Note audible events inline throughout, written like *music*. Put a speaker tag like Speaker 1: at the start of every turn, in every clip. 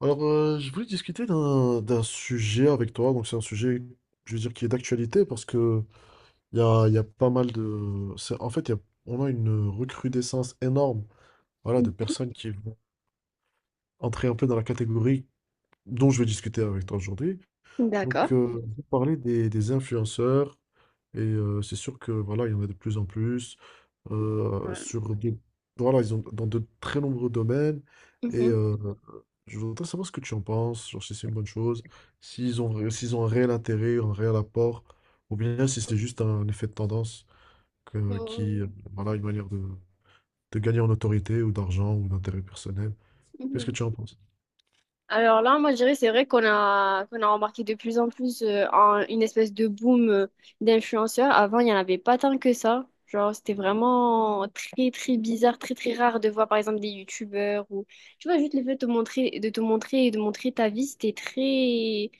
Speaker 1: Alors, je voulais discuter d'un sujet avec toi. Donc, c'est un sujet, je veux dire, qui est d'actualité parce que il y a pas mal de. C'est- En fait, il y a- on a une recrudescence énorme, voilà, de personnes qui vont entrer un peu dans la catégorie dont je vais discuter avec toi aujourd'hui. Donc,
Speaker 2: D'accord.
Speaker 1: on va parler des influenceurs et c'est sûr que voilà, il y en a de plus en plus euh,
Speaker 2: Ouais.
Speaker 1: sur des- voilà, ils ont dans de très nombreux domaines et
Speaker 2: Mhm.
Speaker 1: je voudrais savoir ce que tu en penses, genre si c'est une bonne chose, s'ils ont un réel intérêt, un réel apport, ou bien si c'est juste un effet de tendance que- qui,
Speaker 2: Mhm.
Speaker 1: euh, voilà, une manière de gagner en autorité ou d'argent ou d'intérêt personnel. Qu'est-ce que
Speaker 2: Mhm.
Speaker 1: tu en penses?
Speaker 2: Alors là, moi, je dirais, c'est vrai qu'on a remarqué de plus en plus une espèce de boom d'influenceurs. Avant, il n'y en avait pas tant que ça. Genre, c'était vraiment très, très bizarre, très, très rare de voir, par exemple, des youtubeurs ou, tu vois, juste le fait de te montrer, et de montrer ta vie,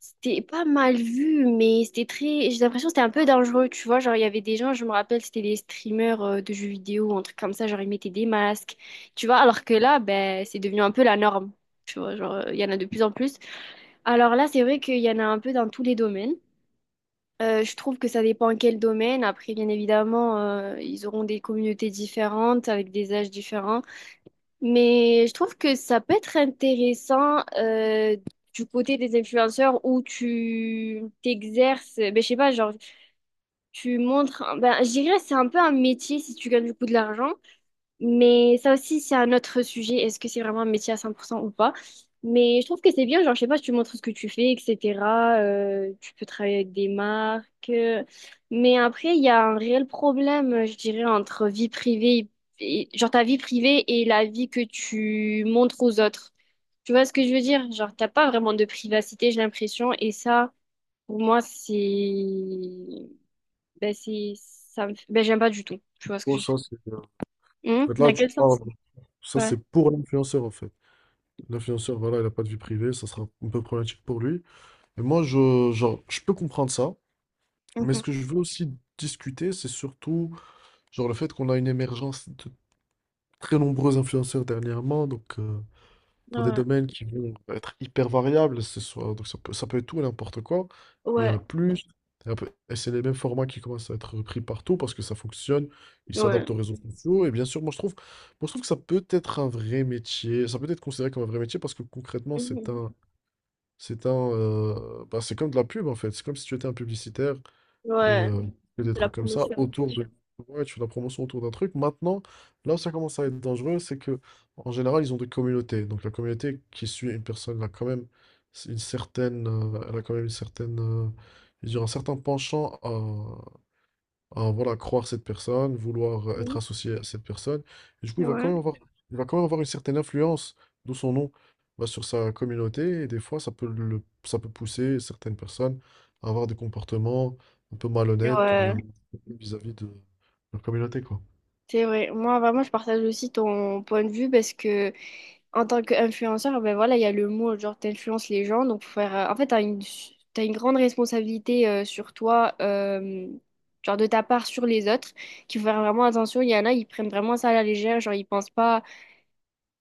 Speaker 2: c'était pas mal vu, mais c'était très. J'ai l'impression que c'était un peu dangereux, tu vois. Genre, il y avait des gens, je me rappelle, c'était des streamers de jeux vidéo, ou un truc comme ça. Genre, ils mettaient des masques, tu vois. Alors que là, ben, c'est devenu un peu la norme, tu vois. Genre, il y en a de plus en plus. Alors là, c'est vrai qu'il y en a un peu dans tous les domaines. Je trouve que ça dépend quel domaine. Après, bien évidemment, ils auront des communautés différentes, avec des âges différents. Mais je trouve que ça peut être intéressant du côté des influenceurs où tu t'exerces, ben, je sais pas, genre tu montres, ben, je dirais c'est un peu un métier si tu gagnes du coup de l'argent, mais ça aussi, c'est un autre sujet. Est-ce que c'est vraiment un métier à 100% ou pas? Mais je trouve que c'est bien, genre, je sais pas, tu montres ce que tu fais, etc. Tu peux travailler avec des marques. Mais après, il y a un réel problème, je dirais, entre vie privée et genre, ta vie privée et la vie que tu montres aux autres. Tu vois ce que je veux dire? Genre, t'as pas vraiment de privacité, j'ai l'impression. Et ça, pour moi, c'est, ben, j'aime pas du tout. Tu vois ce que
Speaker 1: Oh,
Speaker 2: je veux
Speaker 1: ça,
Speaker 2: dire?
Speaker 1: en fait, là,
Speaker 2: Dans
Speaker 1: tu
Speaker 2: quel
Speaker 1: parles,
Speaker 2: sens?
Speaker 1: ça,
Speaker 2: Ouais.
Speaker 1: c'est pour l'influenceur, en fait. L'influenceur, voilà, il n'a pas de vie privée, ça sera un peu problématique pour lui. Et moi, je, genre, je peux comprendre ça, mais ce que je veux aussi discuter, c'est surtout, genre, le fait qu'on a une émergence très nombreux influenceurs dernièrement, donc dans des
Speaker 2: Ouais,
Speaker 1: domaines qui vont être hyper variables, ce soit, donc ça peut être tout et n'importe quoi, et il y en
Speaker 2: ouais,
Speaker 1: a plus, et c'est les mêmes formats qui commencent à être repris partout parce que ça fonctionne, ils
Speaker 2: ouais.
Speaker 1: s'adaptent aux réseaux sociaux, et bien sûr, moi, je trouve que ça peut être un vrai métier, ça peut être considéré comme un vrai métier parce que concrètement,
Speaker 2: Mhm.
Speaker 1: bah, c'est comme de la pub en fait, c'est comme si tu étais un publicitaire et
Speaker 2: Ouais,
Speaker 1: que des
Speaker 2: c'est la
Speaker 1: trucs comme ça
Speaker 2: promotion.
Speaker 1: autour de ouais, tu fais la promotion autour d'un truc. Maintenant, là où ça commence à être dangereux, c'est que en général, ils ont des communautés. Donc la communauté qui suit une personne, elle a quand même une elle a quand même une certaine, je veux dire, un certain penchant à voilà, croire cette personne, vouloir être
Speaker 2: Mhm.
Speaker 1: associé à cette personne. Et du coup,
Speaker 2: Ouais,
Speaker 1: il va quand même avoir une certaine influence, d'où son nom, bah, sur sa communauté. Et des fois, ça peut pousser certaines personnes à avoir des comportements un peu malhonnêtes ou
Speaker 2: ouais,
Speaker 1: bien vis-à-vis de leur communauté, quoi.
Speaker 2: c'est vrai. Moi, vraiment, je partage aussi ton point de vue parce que, en tant qu'influenceur, ben voilà, il y a le mot, genre, t'influences les gens. Donc, faut faire. En fait, t'as une grande responsabilité sur toi, genre, de ta part sur les autres, qu'il faut faire vraiment attention. Il y en a, ils prennent vraiment ça à la légère, genre, ils pensent pas,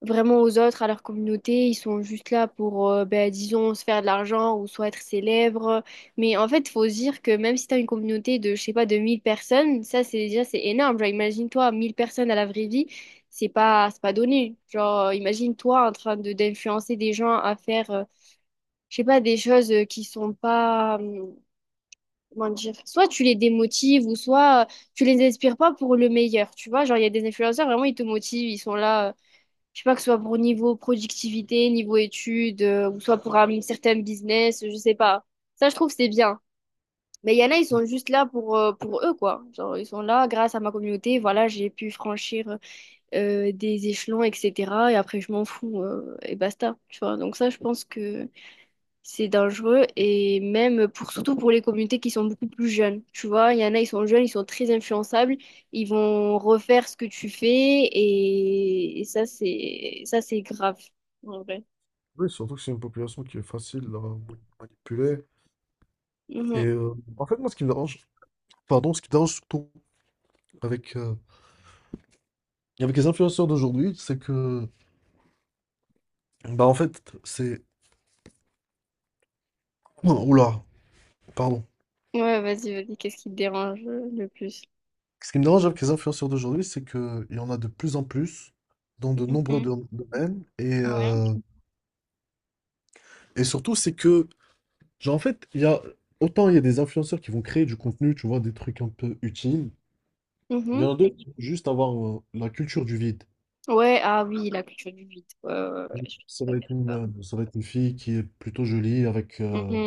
Speaker 2: vraiment aux autres, à leur communauté. Ils sont juste là pour, ben, disons, se faire de l'argent ou soit être célèbres. Mais en fait, il faut se dire que même si tu as une communauté de, je sais pas, de 1000 personnes, ça, c'est déjà, c'est énorme. Genre, imagine-toi, 1000 personnes à la vraie vie, c'est pas donné. Genre, imagine-toi en train de d'influencer des gens à faire, je sais pas, des choses qui sont pas. Comment dire? Soit tu les démotives ou soit tu les inspires pas pour le meilleur, tu vois. Genre, il y a des influenceurs, vraiment, ils te motivent, ils sont là. Je sais pas, que ce soit pour niveau productivité, niveau études, ou soit pour un certain business, je sais pas. Ça, je trouve que c'est bien. Mais il y en a, ils sont juste là pour eux, quoi. Genre, ils sont là, grâce à ma communauté, voilà, j'ai pu franchir des échelons, etc. Et après, je m'en fous, et basta. Tu vois, donc ça, je pense que c'est dangereux et même pour surtout pour les communautés qui sont beaucoup plus jeunes. Tu vois, il y en a, ils sont jeunes, ils sont très influençables, ils vont refaire ce que tu fais et ça c'est grave en vrai.
Speaker 1: Oui, surtout que c'est une population qui est facile à manipuler. Et
Speaker 2: Mhm.
Speaker 1: en fait, moi, ce qui me dérange, pardon, ce qui me dérange surtout avec, euh, avec les influenceurs d'aujourd'hui, c'est que bah en fait, c'est... *clears throat* Oh, oula, pardon.
Speaker 2: Ouais, vas-y, vas-y, qu'est-ce qui te dérange le plus?
Speaker 1: Ce qui me dérange avec les influenceurs d'aujourd'hui, c'est qu'il y en a de plus en plus dans de nombreux
Speaker 2: Mhm.
Speaker 1: domaines.
Speaker 2: Ouais.
Speaker 1: Et surtout, c'est que, genre en fait, il y a... Autant il y a des influenceurs qui vont créer du contenu, tu vois, des trucs un peu utiles. Il y
Speaker 2: Mhm.
Speaker 1: en a d'autres qui vont juste avoir la culture du vide.
Speaker 2: Ouais, ah oui, la culture du vide. Ouais, ouais, ouais, je suis
Speaker 1: Ça
Speaker 2: tout à
Speaker 1: va
Speaker 2: fait
Speaker 1: être
Speaker 2: d'accord.
Speaker 1: ça va être une fille qui est plutôt jolie avec...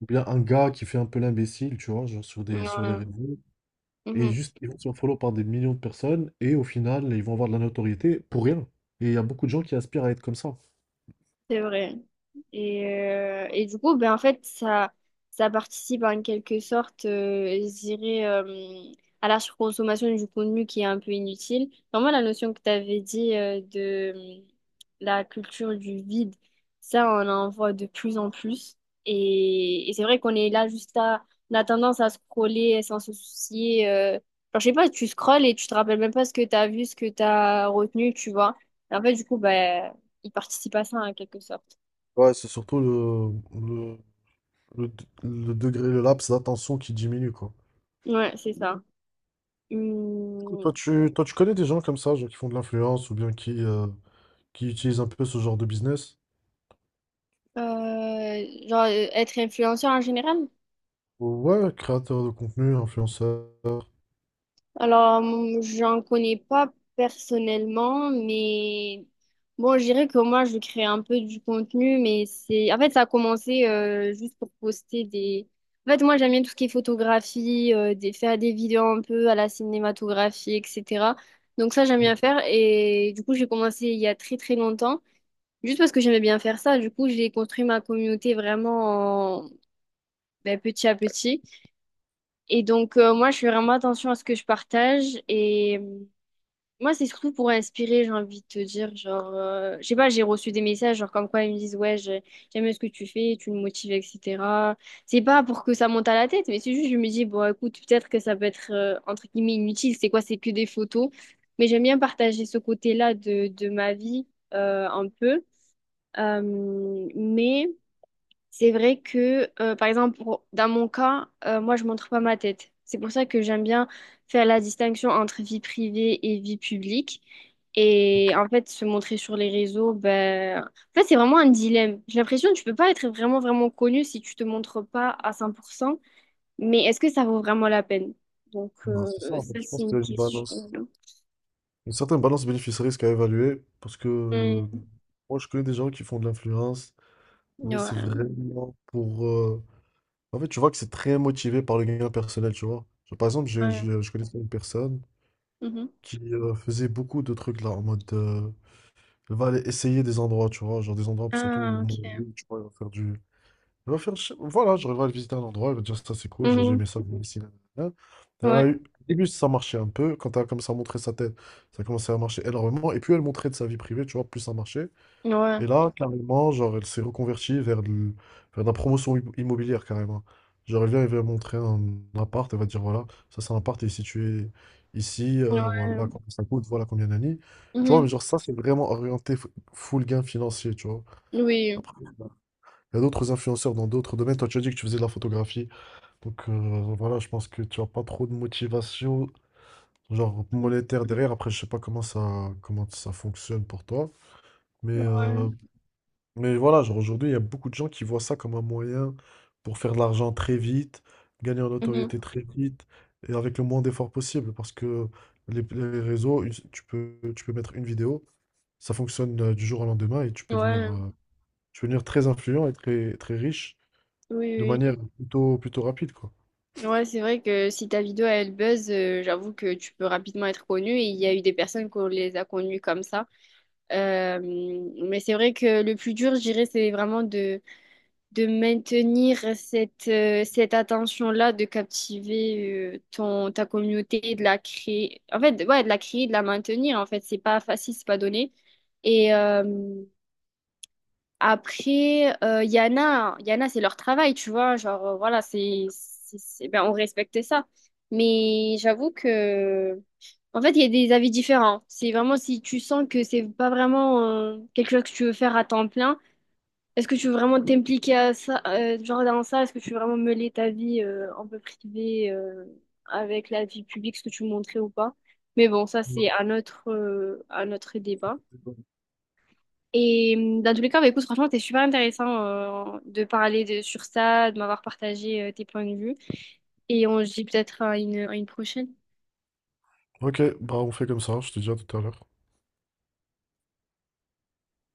Speaker 1: ou bien un gars qui fait un peu l'imbécile, tu vois, genre sur
Speaker 2: Mhm.
Speaker 1: sur les
Speaker 2: Ouais.
Speaker 1: réseaux. Et
Speaker 2: Mhm.
Speaker 1: juste, ils vont se faire follow par des millions de personnes et au final, ils vont avoir de la notoriété pour rien. Et il y a beaucoup de gens qui aspirent à être comme ça.
Speaker 2: C'est vrai. Et du coup, ben, en fait, ça participe en quelque sorte, je dirais, à la surconsommation du contenu qui est un peu inutile. Vraiment, la notion que tu avais dit de la culture du vide, ça, on en voit de plus en plus. Et c'est vrai qu'on est là juste à. On a tendance à scroller sans se soucier. Genre, je sais pas, tu scrolles et tu te rappelles même pas ce que tu as vu, ce que tu as retenu, tu vois. Et en fait, du coup, bah, il participe à ça en quelque sorte.
Speaker 1: Ouais, c'est surtout le, le, le degré, le laps d'attention qui diminue, quoi.
Speaker 2: Ouais, c'est ça.
Speaker 1: Du coup,
Speaker 2: Hum,
Speaker 1: toi, tu connais des gens comme ça, genre qui font de l'influence ou bien qui utilisent un peu ce genre de business?
Speaker 2: genre, être influenceur en général?
Speaker 1: Ouais, créateur de contenu, influenceur.
Speaker 2: Alors, j'en connais pas personnellement, mais bon, je dirais que moi, je crée un peu du contenu, mais c'est. En fait, ça a commencé juste pour poster des. En fait, moi, j'aime bien tout ce qui est photographie, faire des vidéos un peu à la cinématographie, etc. Donc ça, j'aime bien faire. Et du coup, j'ai commencé il y a très, très longtemps. Juste parce que j'aimais bien faire ça, du coup, j'ai construit ma communauté vraiment ben, petit à petit. Et donc, moi, je fais vraiment attention à ce que je partage. Et moi, c'est surtout pour inspirer, j'ai envie de te dire. Genre, je sais pas, j'ai reçu des messages, genre, comme quoi ils me disent, ouais, j'aime ce que tu fais, tu me motives, etc. C'est pas pour que ça monte à la tête, mais c'est juste, je me dis, bon, écoute, peut-être que ça peut être, entre guillemets, inutile. C'est quoi? C'est que des photos. Mais j'aime bien partager ce côté-là de ma vie, un peu. Euh, mais. C'est vrai que, par exemple, dans mon cas, moi, je montre pas ma tête. C'est pour ça que j'aime bien faire la distinction entre vie privée et vie publique. Et en fait, se montrer sur les réseaux, ben. En fait, c'est vraiment un dilemme. J'ai l'impression que tu peux pas être vraiment, vraiment connu si tu te montres pas à 100%. Mais est-ce que ça vaut vraiment la peine? Donc,
Speaker 1: Ouais, c'est ça, en fait.
Speaker 2: ça,
Speaker 1: Je
Speaker 2: c'est
Speaker 1: pense
Speaker 2: une
Speaker 1: qu'il y a une balance,
Speaker 2: question.
Speaker 1: une certaine balance bénéfice-risque à évaluer parce que
Speaker 2: Mm,
Speaker 1: moi, je connais des gens qui font de l'influence. Mais c'est
Speaker 2: ouais,
Speaker 1: vraiment pour... En fait, tu vois que c'est très motivé par le gain personnel, tu vois. Genre, par exemple,
Speaker 2: ouais.
Speaker 1: je connaissais une personne
Speaker 2: Mhm.
Speaker 1: qui faisait beaucoup de trucs là, en mode... elle va aller essayer des endroits, tu vois. Genre des endroits, surtout où
Speaker 2: Ah, ok.
Speaker 1: manger, tu vois, elle va faire du... Elle va faire... Voilà, genre elle va aller visiter un endroit, elle va dire ça c'est cool, genre j'ai
Speaker 2: Mhm.
Speaker 1: aimé ça, je vais ici, là. Elle
Speaker 2: Ouais,
Speaker 1: a eu... Au début, ça marchait un peu. Quand elle a commencé à montrer sa tête, ça a commencé à marcher énormément. Et plus elle montrait de sa vie privée, tu vois, plus ça marchait.
Speaker 2: ouais,
Speaker 1: Et là, carrément, genre, elle s'est reconvertie vers de la promotion immobilière, carrément. Genre, elle vient, elle va montrer un appart, elle va dire, voilà, ça c'est un appart, il est situé ici, voilà
Speaker 2: ouais.
Speaker 1: combien ça coûte, voilà combien d'années. Tu vois,
Speaker 2: Mhm.
Speaker 1: mais genre, ça, c'est vraiment orienté full gain financier, tu vois.
Speaker 2: Oui.
Speaker 1: Après, il y a d'autres influenceurs dans d'autres domaines. Toi, tu as dit que tu faisais de la photographie. Donc, voilà, je pense que tu n'as pas trop de motivation, genre monétaire derrière. Après, je sais pas comment ça fonctionne pour toi. Mais
Speaker 2: Ouais.
Speaker 1: voilà, genre aujourd'hui, il y a beaucoup de gens qui voient ça comme un moyen pour faire de l'argent très vite, gagner en
Speaker 2: Mhm.
Speaker 1: notoriété très vite et avec le moins d'efforts possible parce que les réseaux, tu peux mettre une vidéo, ça fonctionne du jour au lendemain et
Speaker 2: Ouais.
Speaker 1: tu peux devenir très influent et très, très riche
Speaker 2: Oui,
Speaker 1: de
Speaker 2: oui.
Speaker 1: manière plutôt rapide, quoi.
Speaker 2: Oui. Ouais, c'est vrai que si ta vidéo elle buzz, j'avoue que tu peux rapidement être connu et il y a eu des personnes qu'on les a connues comme ça. Euh, mais c'est vrai que le plus dur, je dirais, c'est vraiment de maintenir cette attention-là, de captiver ta communauté, de la créer. En fait, ouais, de la créer, de la maintenir. En fait, c'est pas facile, c'est pas donné. Et, Après, il y en a, c'est leur travail, tu vois. Genre, voilà, ben, on respectait ça. Mais j'avoue que, en fait, il y a des avis différents. C'est vraiment si tu sens que c'est pas vraiment quelque chose que tu veux faire à temps plein. Est-ce que tu veux vraiment t'impliquer à ça, genre dans ça? Est-ce que tu veux vraiment mêler ta vie un peu privée avec la vie publique, ce que tu montrais ou pas? Mais bon, ça,
Speaker 1: Non,
Speaker 2: c'est un autre débat.
Speaker 1: c'est bon.
Speaker 2: Et dans tous les cas, bah, écoute, franchement, c'était super intéressant de parler de, sur ça, de m'avoir partagé tes points de vue. Et on se dit peut-être à une prochaine.
Speaker 1: Ok, bah on fait comme ça, je te dis à tout à l'heure.